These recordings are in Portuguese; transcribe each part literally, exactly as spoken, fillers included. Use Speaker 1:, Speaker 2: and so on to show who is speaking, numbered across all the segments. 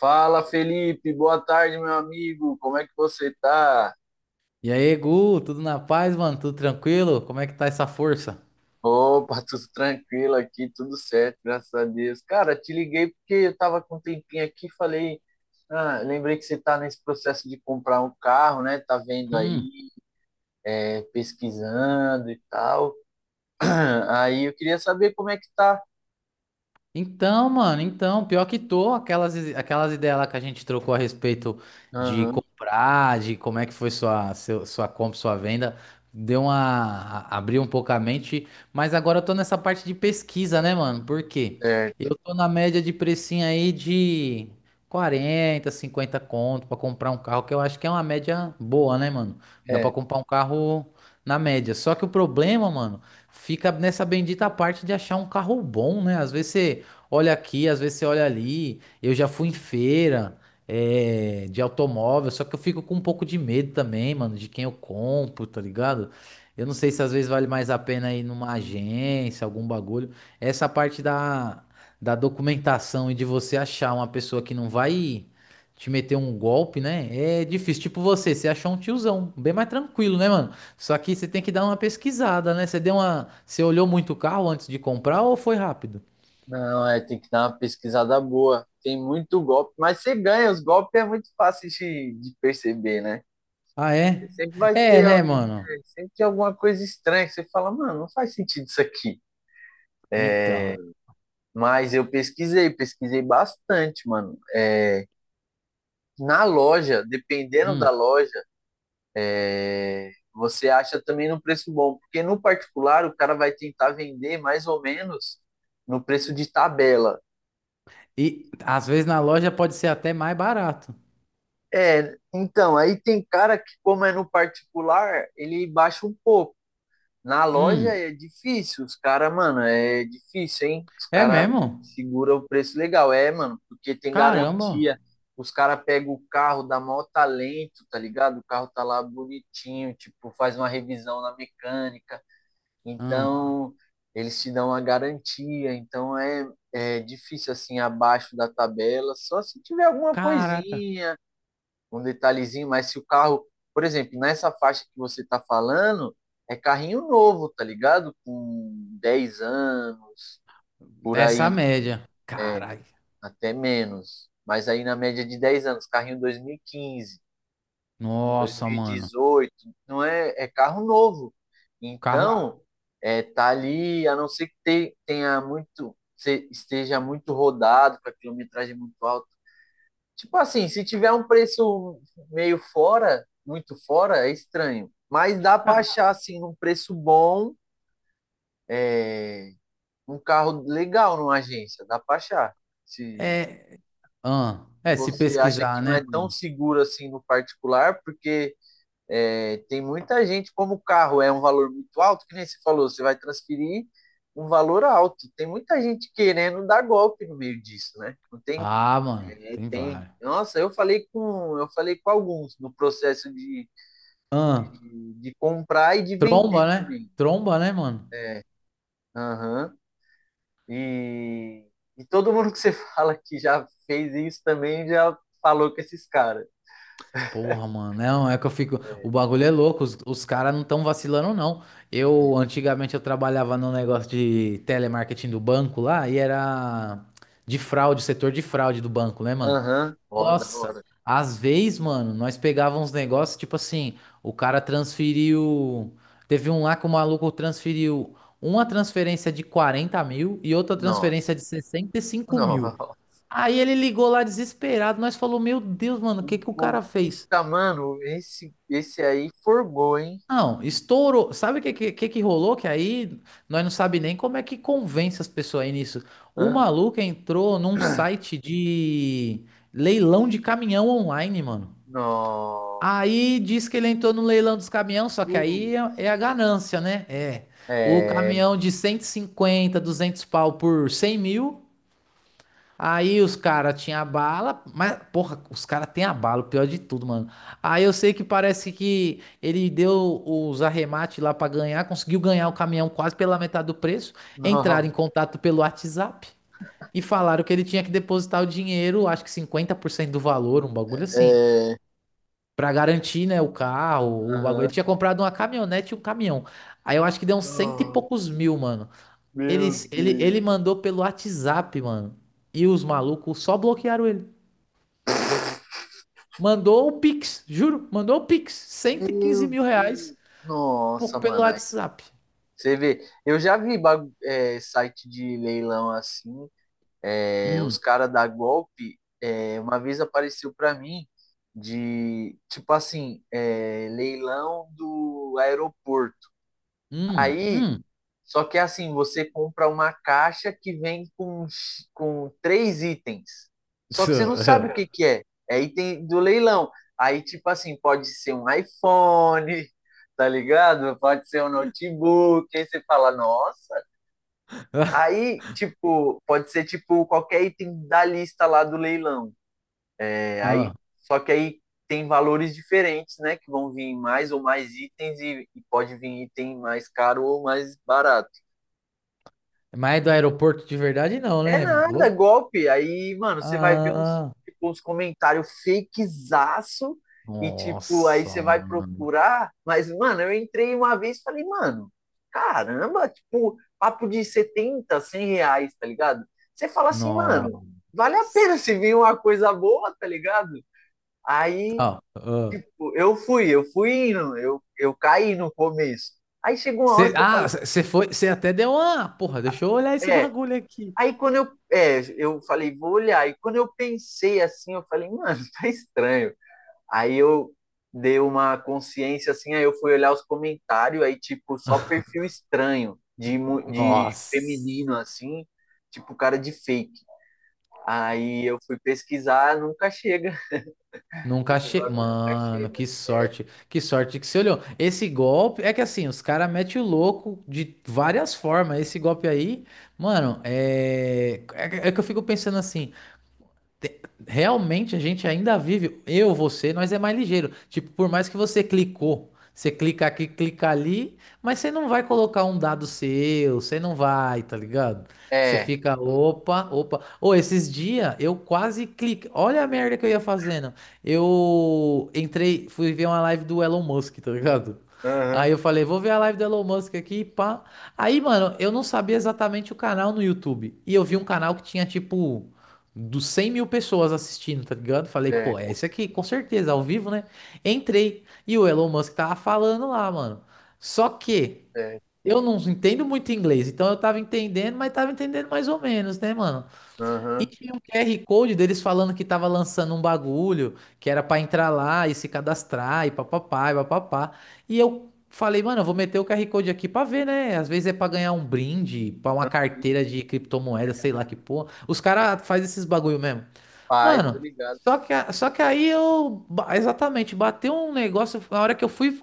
Speaker 1: Fala, Felipe, boa tarde, meu amigo. Como é que você tá?
Speaker 2: E aí, Gu, tudo na paz, mano? Tudo tranquilo? Como é que tá essa força?
Speaker 1: Opa, tudo tranquilo aqui, tudo certo, graças a Deus. Cara, te liguei porque eu tava com um tempinho aqui, e falei, ah, lembrei que você tá nesse processo de comprar um carro, né? Tá vendo
Speaker 2: Hum.
Speaker 1: aí, é, pesquisando e tal. Aí eu queria saber como é que tá.
Speaker 2: Então, mano, então, pior que tô, aquelas, aquelas ideias lá que a gente trocou a respeito de
Speaker 1: Aham,
Speaker 2: comprar, de como é que foi sua, seu- sua compra, sua venda, deu uma, a- abriu um pouco a mente, mas agora eu tô nessa parte de pesquisa, né, mano? Por quê?
Speaker 1: certo.
Speaker 2: Eu tô na média de precinho aí de quarenta, cinquenta conto pra comprar um carro, que eu acho que é uma média boa, né, mano? Dá
Speaker 1: É,
Speaker 2: pra comprar um carro na média. Só que o problema, mano, fica nessa bendita parte de achar um carro bom, né? Às vezes você olha aqui, às vezes você olha ali. Eu já fui em feira, é, de automóvel, só que eu fico com um pouco de medo também, mano, de quem eu compro, tá ligado? Eu não sei se às vezes vale mais a pena ir numa agência, algum bagulho. Essa parte da, da, documentação e de você achar uma pessoa que não vai te meter um golpe, né? É difícil. Tipo você, você achou um tiozão, bem mais tranquilo, né, mano? Só que você tem que dar uma pesquisada, né? Você deu uma, você olhou muito o carro antes de comprar ou foi rápido?
Speaker 1: não, é, tem que dar uma pesquisada boa. Tem muito golpe, mas você ganha, os golpes é muito fácil de, de perceber, né?
Speaker 2: Ah, é?
Speaker 1: Sempre vai
Speaker 2: É,
Speaker 1: ter, al-
Speaker 2: né, mano?
Speaker 1: é, sempre tem alguma coisa estranha que você fala, mano, não faz sentido isso aqui.
Speaker 2: Então.
Speaker 1: Mas eu pesquisei, pesquisei bastante, mano. É, na loja, dependendo
Speaker 2: Hum.
Speaker 1: da loja, você acha também num preço bom, porque no particular o cara vai tentar vender mais ou menos no preço de tabela.
Speaker 2: E às vezes na loja pode ser até mais barato.
Speaker 1: É, então, aí tem cara que, como é no particular, ele baixa um pouco. Na loja
Speaker 2: Hum.
Speaker 1: é difícil, os caras, mano, é difícil, hein? Os
Speaker 2: É
Speaker 1: caras
Speaker 2: mesmo?
Speaker 1: segura o preço legal, é, mano, porque tem
Speaker 2: Caramba.
Speaker 1: garantia. Os caras pegam o carro, dá maior talento, tá ligado? O carro tá lá bonitinho, tipo, faz uma revisão na mecânica.
Speaker 2: Ah,
Speaker 1: Então, eles te dão a garantia. Então, é, é difícil, assim, abaixo da tabela. Só se tiver alguma
Speaker 2: caraca.
Speaker 1: coisinha, um detalhezinho, mas se o carro, por exemplo, nessa faixa que você está falando, é carrinho novo, tá ligado? Com dez anos, por É,
Speaker 2: Nessa
Speaker 1: aí,
Speaker 2: média.
Speaker 1: é,
Speaker 2: Caralho.
Speaker 1: até menos. Mas aí na média de dez anos, carrinho dois mil e quinze,
Speaker 2: Nossa, mano.
Speaker 1: dois mil e dezoito, não é, é carro novo. Tá.
Speaker 2: Carro.
Speaker 1: Então, é, tá ali, a não ser que te- tenha muito, se- esteja muito rodado, com a quilometragem muito alta. Tipo assim, se tiver um preço meio fora, muito fora, é estranho. Mas dá pra
Speaker 2: Ca-
Speaker 1: achar, assim, num preço bom, um carro legal numa agência. Dá pra achar. Se
Speaker 2: É. Ah,
Speaker 1: se
Speaker 2: é, se
Speaker 1: você acha que
Speaker 2: pesquisar,
Speaker 1: não
Speaker 2: né,
Speaker 1: é tão
Speaker 2: mano?
Speaker 1: seguro assim no particular, porque é, tem muita gente, como o carro é um valor muito alto, que nem você falou, você vai transferir um valor alto. Tem muita gente querendo dar golpe no meio disso, né? Não tem,
Speaker 2: Ah, mano.
Speaker 1: é,
Speaker 2: Tem
Speaker 1: tem.
Speaker 2: vários.
Speaker 1: Nossa, eu falei com, eu falei com alguns no processo de
Speaker 2: Ah,
Speaker 1: de, de comprar e de vender
Speaker 2: tromba, né?
Speaker 1: também.
Speaker 2: Tromba, né, mano?
Speaker 1: Aham. E, e todo mundo que você fala que já fez isso também já falou com esses caras.
Speaker 2: Porra, mano, não, é que eu fico. O bagulho é louco, os, os caras não estão vacilando, não. Eu, antigamente, eu trabalhava num negócio de telemarketing do banco lá e era de fraude, setor de fraude do banco, né, mano?
Speaker 1: Aham. Ó, da
Speaker 2: Nossa,
Speaker 1: hora.
Speaker 2: às vezes, mano, nós pegávamos uns negócios, tipo assim, o cara transferiu. Teve um lá que o maluco transferiu uma transferência de quarenta mil e outra transferência
Speaker 1: Nossa.
Speaker 2: de sessenta e cinco mil.
Speaker 1: Nossa.
Speaker 2: Aí ele ligou lá desesperado, nós falou, meu Deus, mano, o
Speaker 1: O
Speaker 2: que que o cara fez?
Speaker 1: golpista, mano, esse, esse aí forgou, hein?
Speaker 2: Não, estourou. Sabe o que, que, que que rolou? Que aí nós não sabe nem como é que convence as pessoas aí nisso. O
Speaker 1: Hã?
Speaker 2: maluco entrou num site de leilão de caminhão online, mano.
Speaker 1: Nossa.
Speaker 2: Aí diz que ele entrou no leilão dos caminhões, só que
Speaker 1: Hum.
Speaker 2: aí é, é a ganância, né? É. O
Speaker 1: É.
Speaker 2: caminhão de cento e cinquenta, duzentos pau por cem mil. Aí os caras tinham a bala, mas, porra, os caras têm a bala, o pior de tudo, mano. Aí eu sei que parece que ele deu os arremates lá pra ganhar, conseguiu ganhar o caminhão quase pela metade do preço,
Speaker 1: Nossa.
Speaker 2: entraram em contato pelo WhatsApp e falaram que ele tinha que depositar o dinheiro, acho que cinquenta por cento do valor, um bagulho assim,
Speaker 1: É.
Speaker 2: pra garantir, né, o carro, o bagulho.
Speaker 1: Aham.
Speaker 2: Ele tinha comprado uma caminhonete e um caminhão. Aí eu acho que deu uns cento e
Speaker 1: Nossa.
Speaker 2: poucos mil, mano. Ele,
Speaker 1: Meu
Speaker 2: ele, ele
Speaker 1: Deus.
Speaker 2: mandou pelo WhatsApp, mano. E os malucos só bloquearam ele. Mandou o Pix, juro. Mandou o Pix. cento e quinze
Speaker 1: Meu
Speaker 2: mil
Speaker 1: Deus.
Speaker 2: reais po-
Speaker 1: Nossa,
Speaker 2: pelo
Speaker 1: mano.
Speaker 2: WhatsApp.
Speaker 1: Você vê, eu já vi bagu- é, site de leilão assim, é, os
Speaker 2: Hum,
Speaker 1: caras da golpe, é, uma vez apareceu pra mim de, tipo assim, é, leilão do aeroporto.
Speaker 2: hum,
Speaker 1: Aí,
Speaker 2: hum.
Speaker 1: só que é assim, você compra uma caixa que vem com, x- com três itens. Só que você não sabe o que que é. É item do leilão. Aí, tipo assim, pode ser um iPhone, tá ligado? Pode ser um notebook. Aí você fala, nossa. Aí, tipo, pode ser tipo qualquer item da lista lá do leilão. É, aí,
Speaker 2: Ah,
Speaker 1: só que aí tem valores diferentes, né? Que vão vir mais ou mais itens e, e pode vir item mais caro ou mais barato.
Speaker 2: mas do aeroporto de verdade, não,
Speaker 1: É
Speaker 2: né?
Speaker 1: nada, é
Speaker 2: Louco.
Speaker 1: golpe. Aí, mano, você vai ver uns,
Speaker 2: Ah,
Speaker 1: tipo, uns comentários fakezaço e, tipo, aí
Speaker 2: nossa,
Speaker 1: você vai
Speaker 2: mano.
Speaker 1: procurar. Mas, mano, eu entrei uma vez e falei, mano, caramba, tipo, papo de setenta, cem reais, tá ligado? Você fala assim,
Speaker 2: Nossa.
Speaker 1: mano, vale a pena se vir uma coisa boa, tá ligado? Aí,
Speaker 2: Ah, ah.
Speaker 1: tipo, eu fui, eu fui indo, eu, eu caí no começo. Aí chegou uma
Speaker 2: Cê,
Speaker 1: hora que eu falei,
Speaker 2: ah, você foi, você até deu uma. Porra, deixa eu olhar esse
Speaker 1: é,
Speaker 2: bagulho aqui.
Speaker 1: Aí quando eu, é, eu falei, vou olhar. E quando eu pensei assim, eu falei, mano, tá estranho. Aí eu dei uma consciência assim, aí eu fui olhar os comentários, aí tipo, só perfil estranho de, mu- de
Speaker 2: Nossa.
Speaker 1: feminino assim, tipo cara de fake. Aí eu fui pesquisar, nunca chega.
Speaker 2: Nunca
Speaker 1: Esse
Speaker 2: che...
Speaker 1: bagulho nunca
Speaker 2: Mano,
Speaker 1: chega.
Speaker 2: que sorte. Que sorte que você olhou. Esse golpe é que assim, os caras metem o louco de várias formas. Esse golpe aí, mano, é... é que é que eu fico pensando assim. Realmente a gente ainda vive, eu, você, nós é mais ligeiro. Tipo, por mais que você clicou, você clica aqui, clica ali, mas você não vai colocar um dado seu, você não vai, tá ligado? Você
Speaker 1: É.
Speaker 2: fica, opa, opa. Ô, esses dias eu quase cliquei. Olha a merda que eu ia fazendo. Eu entrei, fui ver uma live do Elon Musk, tá ligado? Aí
Speaker 1: Aham.
Speaker 2: eu falei, vou ver a live do Elon Musk aqui, pá. Aí, mano, eu não sabia exatamente o canal no YouTube. E eu vi um canal que tinha tipo dos cem mil pessoas assistindo, tá ligado? Falei,
Speaker 1: É,
Speaker 2: pô, é esse aqui, com certeza, ao vivo, né? Entrei e o Elon Musk tava falando lá, mano. Só que
Speaker 1: certo.
Speaker 2: eu não entendo muito inglês, então eu tava entendendo, mas tava entendendo mais ou menos, né, mano? E
Speaker 1: Aham.
Speaker 2: tinha um Q R Code deles falando que tava lançando um bagulho, que era pra entrar lá e se cadastrar e papapá e papapá. E eu. Falei, mano, eu vou meter o Q R Code aqui pra ver, né? Às vezes é pra ganhar um brinde, pra uma carteira de criptomoeda, sei lá que porra. Os caras fazem esses bagulho mesmo.
Speaker 1: Paz, tô
Speaker 2: Mano,
Speaker 1: ligado.
Speaker 2: só que, a- só que aí eu. ba- Exatamente, bateu um negócio. Na hora que eu fui,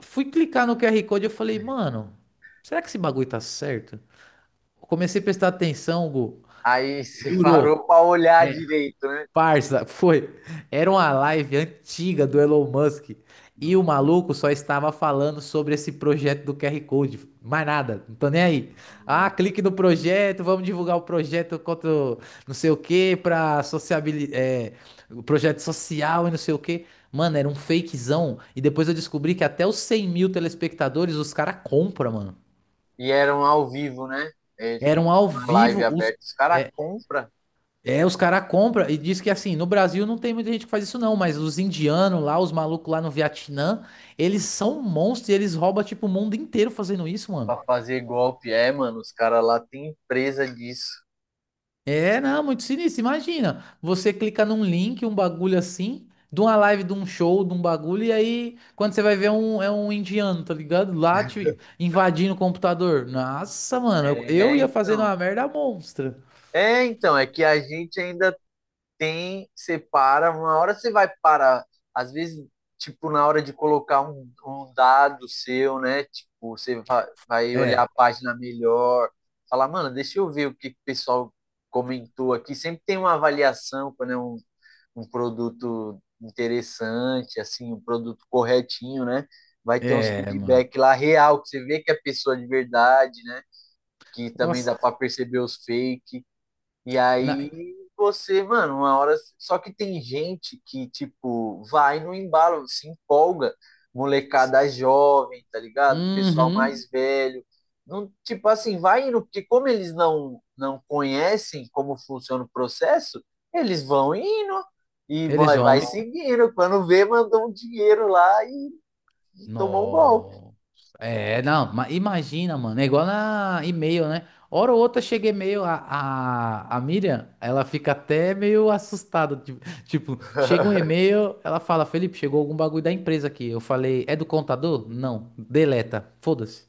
Speaker 2: fui clicar no Q R Code, eu falei, mano, será que esse bagulho tá certo? Eu Comecei a prestar atenção, Gu.
Speaker 1: Aí você
Speaker 2: Jurou.
Speaker 1: parou pra olhar direito, né?
Speaker 2: Parça, foi. Era uma live antiga do Elon Musk e o maluco só estava falando sobre esse projeto do Q R Code. Mais nada, não tô nem aí. Ah,
Speaker 1: Não.
Speaker 2: clique no projeto, vamos divulgar o projeto contra o não sei o que pra sociabilidade, é, o projeto social e não sei o que. Mano, era um fakezão. E depois eu descobri que até os cem mil telespectadores os caras compram, mano.
Speaker 1: E eram ao vivo, né? Eles
Speaker 2: Eram
Speaker 1: ficam
Speaker 2: ao
Speaker 1: com uma live
Speaker 2: vivo os.
Speaker 1: aberta. Os caras compram
Speaker 2: É, os caras compram e diz que assim, no Brasil não tem muita gente que faz isso não, mas os indianos lá, os malucos lá no Vietnã, eles são monstros e eles roubam tipo o mundo inteiro fazendo isso,
Speaker 1: pra
Speaker 2: mano.
Speaker 1: fazer golpe. É, mano, os caras lá têm empresa disso.
Speaker 2: É, não, muito sinistro. Imagina, você clica num link, um bagulho assim, de uma live, de um show, de um bagulho, e aí quando você vai ver é um, é um indiano, tá ligado? Lá te invadindo o computador. Nossa, mano, eu, eu
Speaker 1: É,
Speaker 2: ia fazendo
Speaker 1: então.
Speaker 2: uma merda monstra.
Speaker 1: É, então, é que a gente ainda tem, separa. Uma hora você vai parar. Às vezes, tipo, na hora de colocar um, um dado seu, né? Tipo, você va- vai olhar
Speaker 2: É,
Speaker 1: a página melhor. Falar, mano, deixa eu ver o que que o pessoal comentou aqui. Sempre tem uma avaliação quando é um um produto interessante, assim, um produto corretinho, né? Vai ter uns
Speaker 2: é, mano.
Speaker 1: feedback lá real, que você vê que é pessoa de verdade, né? Que também
Speaker 2: Nossa,
Speaker 1: dá para perceber os fake. E
Speaker 2: na...
Speaker 1: aí você, mano, uma hora. Só que tem gente que, tipo, vai no embalo, se empolga. Molecada jovem, tá ligado? Pessoal
Speaker 2: Uhum.
Speaker 1: mais velho. Não, tipo assim, vai indo, porque como eles não, não conhecem como funciona o processo, eles vão indo e
Speaker 2: Eles
Speaker 1: vai, vai
Speaker 2: vão.
Speaker 1: seguindo. Quando vê, mandou um dinheiro lá e, e tomou um golpe.
Speaker 2: Nossa. É, não, ma- imagina, mano. É igual na e-mail, né? Hora ou outra chega e-mail, a, a, a Miriam, ela fica até meio assustada. Tipo, tipo, chega um e-mail, ela fala: Felipe, chegou algum bagulho da empresa aqui. Eu falei: É do contador? Não, deleta, foda-se.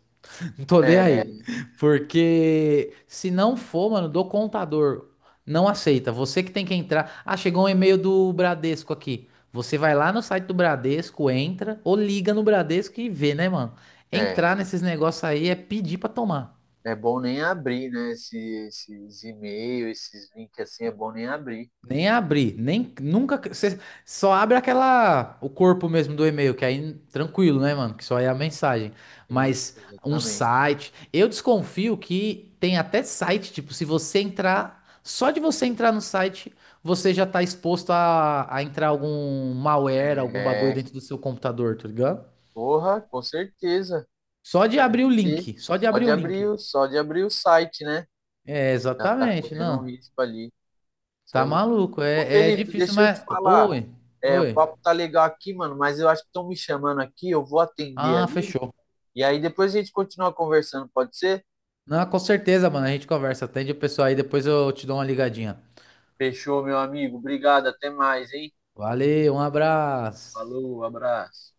Speaker 2: Não tô nem
Speaker 1: É,
Speaker 2: aí. Porque se não for, mano, do contador, não aceita. Você que tem que entrar. Ah, chegou um e-mail do Bradesco aqui. Você vai lá no site do Bradesco, entra ou liga no Bradesco e vê, né, mano?
Speaker 1: é.
Speaker 2: Entrar nesses negócios aí é pedir pra tomar.
Speaker 1: É bom nem abrir, né? Esse, esses e-mails, esses links assim, é bom nem abrir.
Speaker 2: Nem abrir, nem nunca. Você só abre aquela. O corpo mesmo do e-mail, que aí tranquilo, né, mano? Que só é a mensagem.
Speaker 1: Isso,
Speaker 2: Mas um
Speaker 1: exatamente.
Speaker 2: site. Eu desconfio que tem até site, tipo, se você entrar. Só de você entrar no site, você já tá exposto a, a entrar algum malware, algum bagulho
Speaker 1: É,
Speaker 2: dentro do seu computador, tá ligado?
Speaker 1: porra, com certeza.
Speaker 2: Só de abrir o
Speaker 1: E
Speaker 2: link. Só de
Speaker 1: só
Speaker 2: abrir
Speaker 1: de
Speaker 2: o
Speaker 1: abrir,
Speaker 2: link.
Speaker 1: o- só de abrir o site, né?
Speaker 2: É,
Speaker 1: Já tá
Speaker 2: exatamente,
Speaker 1: correndo um
Speaker 2: não.
Speaker 1: risco ali. Cê é
Speaker 2: Tá
Speaker 1: louco.
Speaker 2: maluco.
Speaker 1: Ô,
Speaker 2: É, é
Speaker 1: Felipe,
Speaker 2: difícil,
Speaker 1: deixa eu te
Speaker 2: mas.
Speaker 1: falar.
Speaker 2: Oi,
Speaker 1: É, o
Speaker 2: oi.
Speaker 1: papo tá legal aqui, mano, mas eu acho que estão me chamando aqui, eu vou atender
Speaker 2: Ah,
Speaker 1: ali.
Speaker 2: fechou.
Speaker 1: E aí depois a gente continua conversando, pode ser?
Speaker 2: Não, com certeza, mano. A gente conversa. Atende o pessoal aí, depois eu te dou uma ligadinha.
Speaker 1: Fechou, meu amigo. Obrigado, até mais, hein?
Speaker 2: Valeu, um abraço.
Speaker 1: Falou, abraço.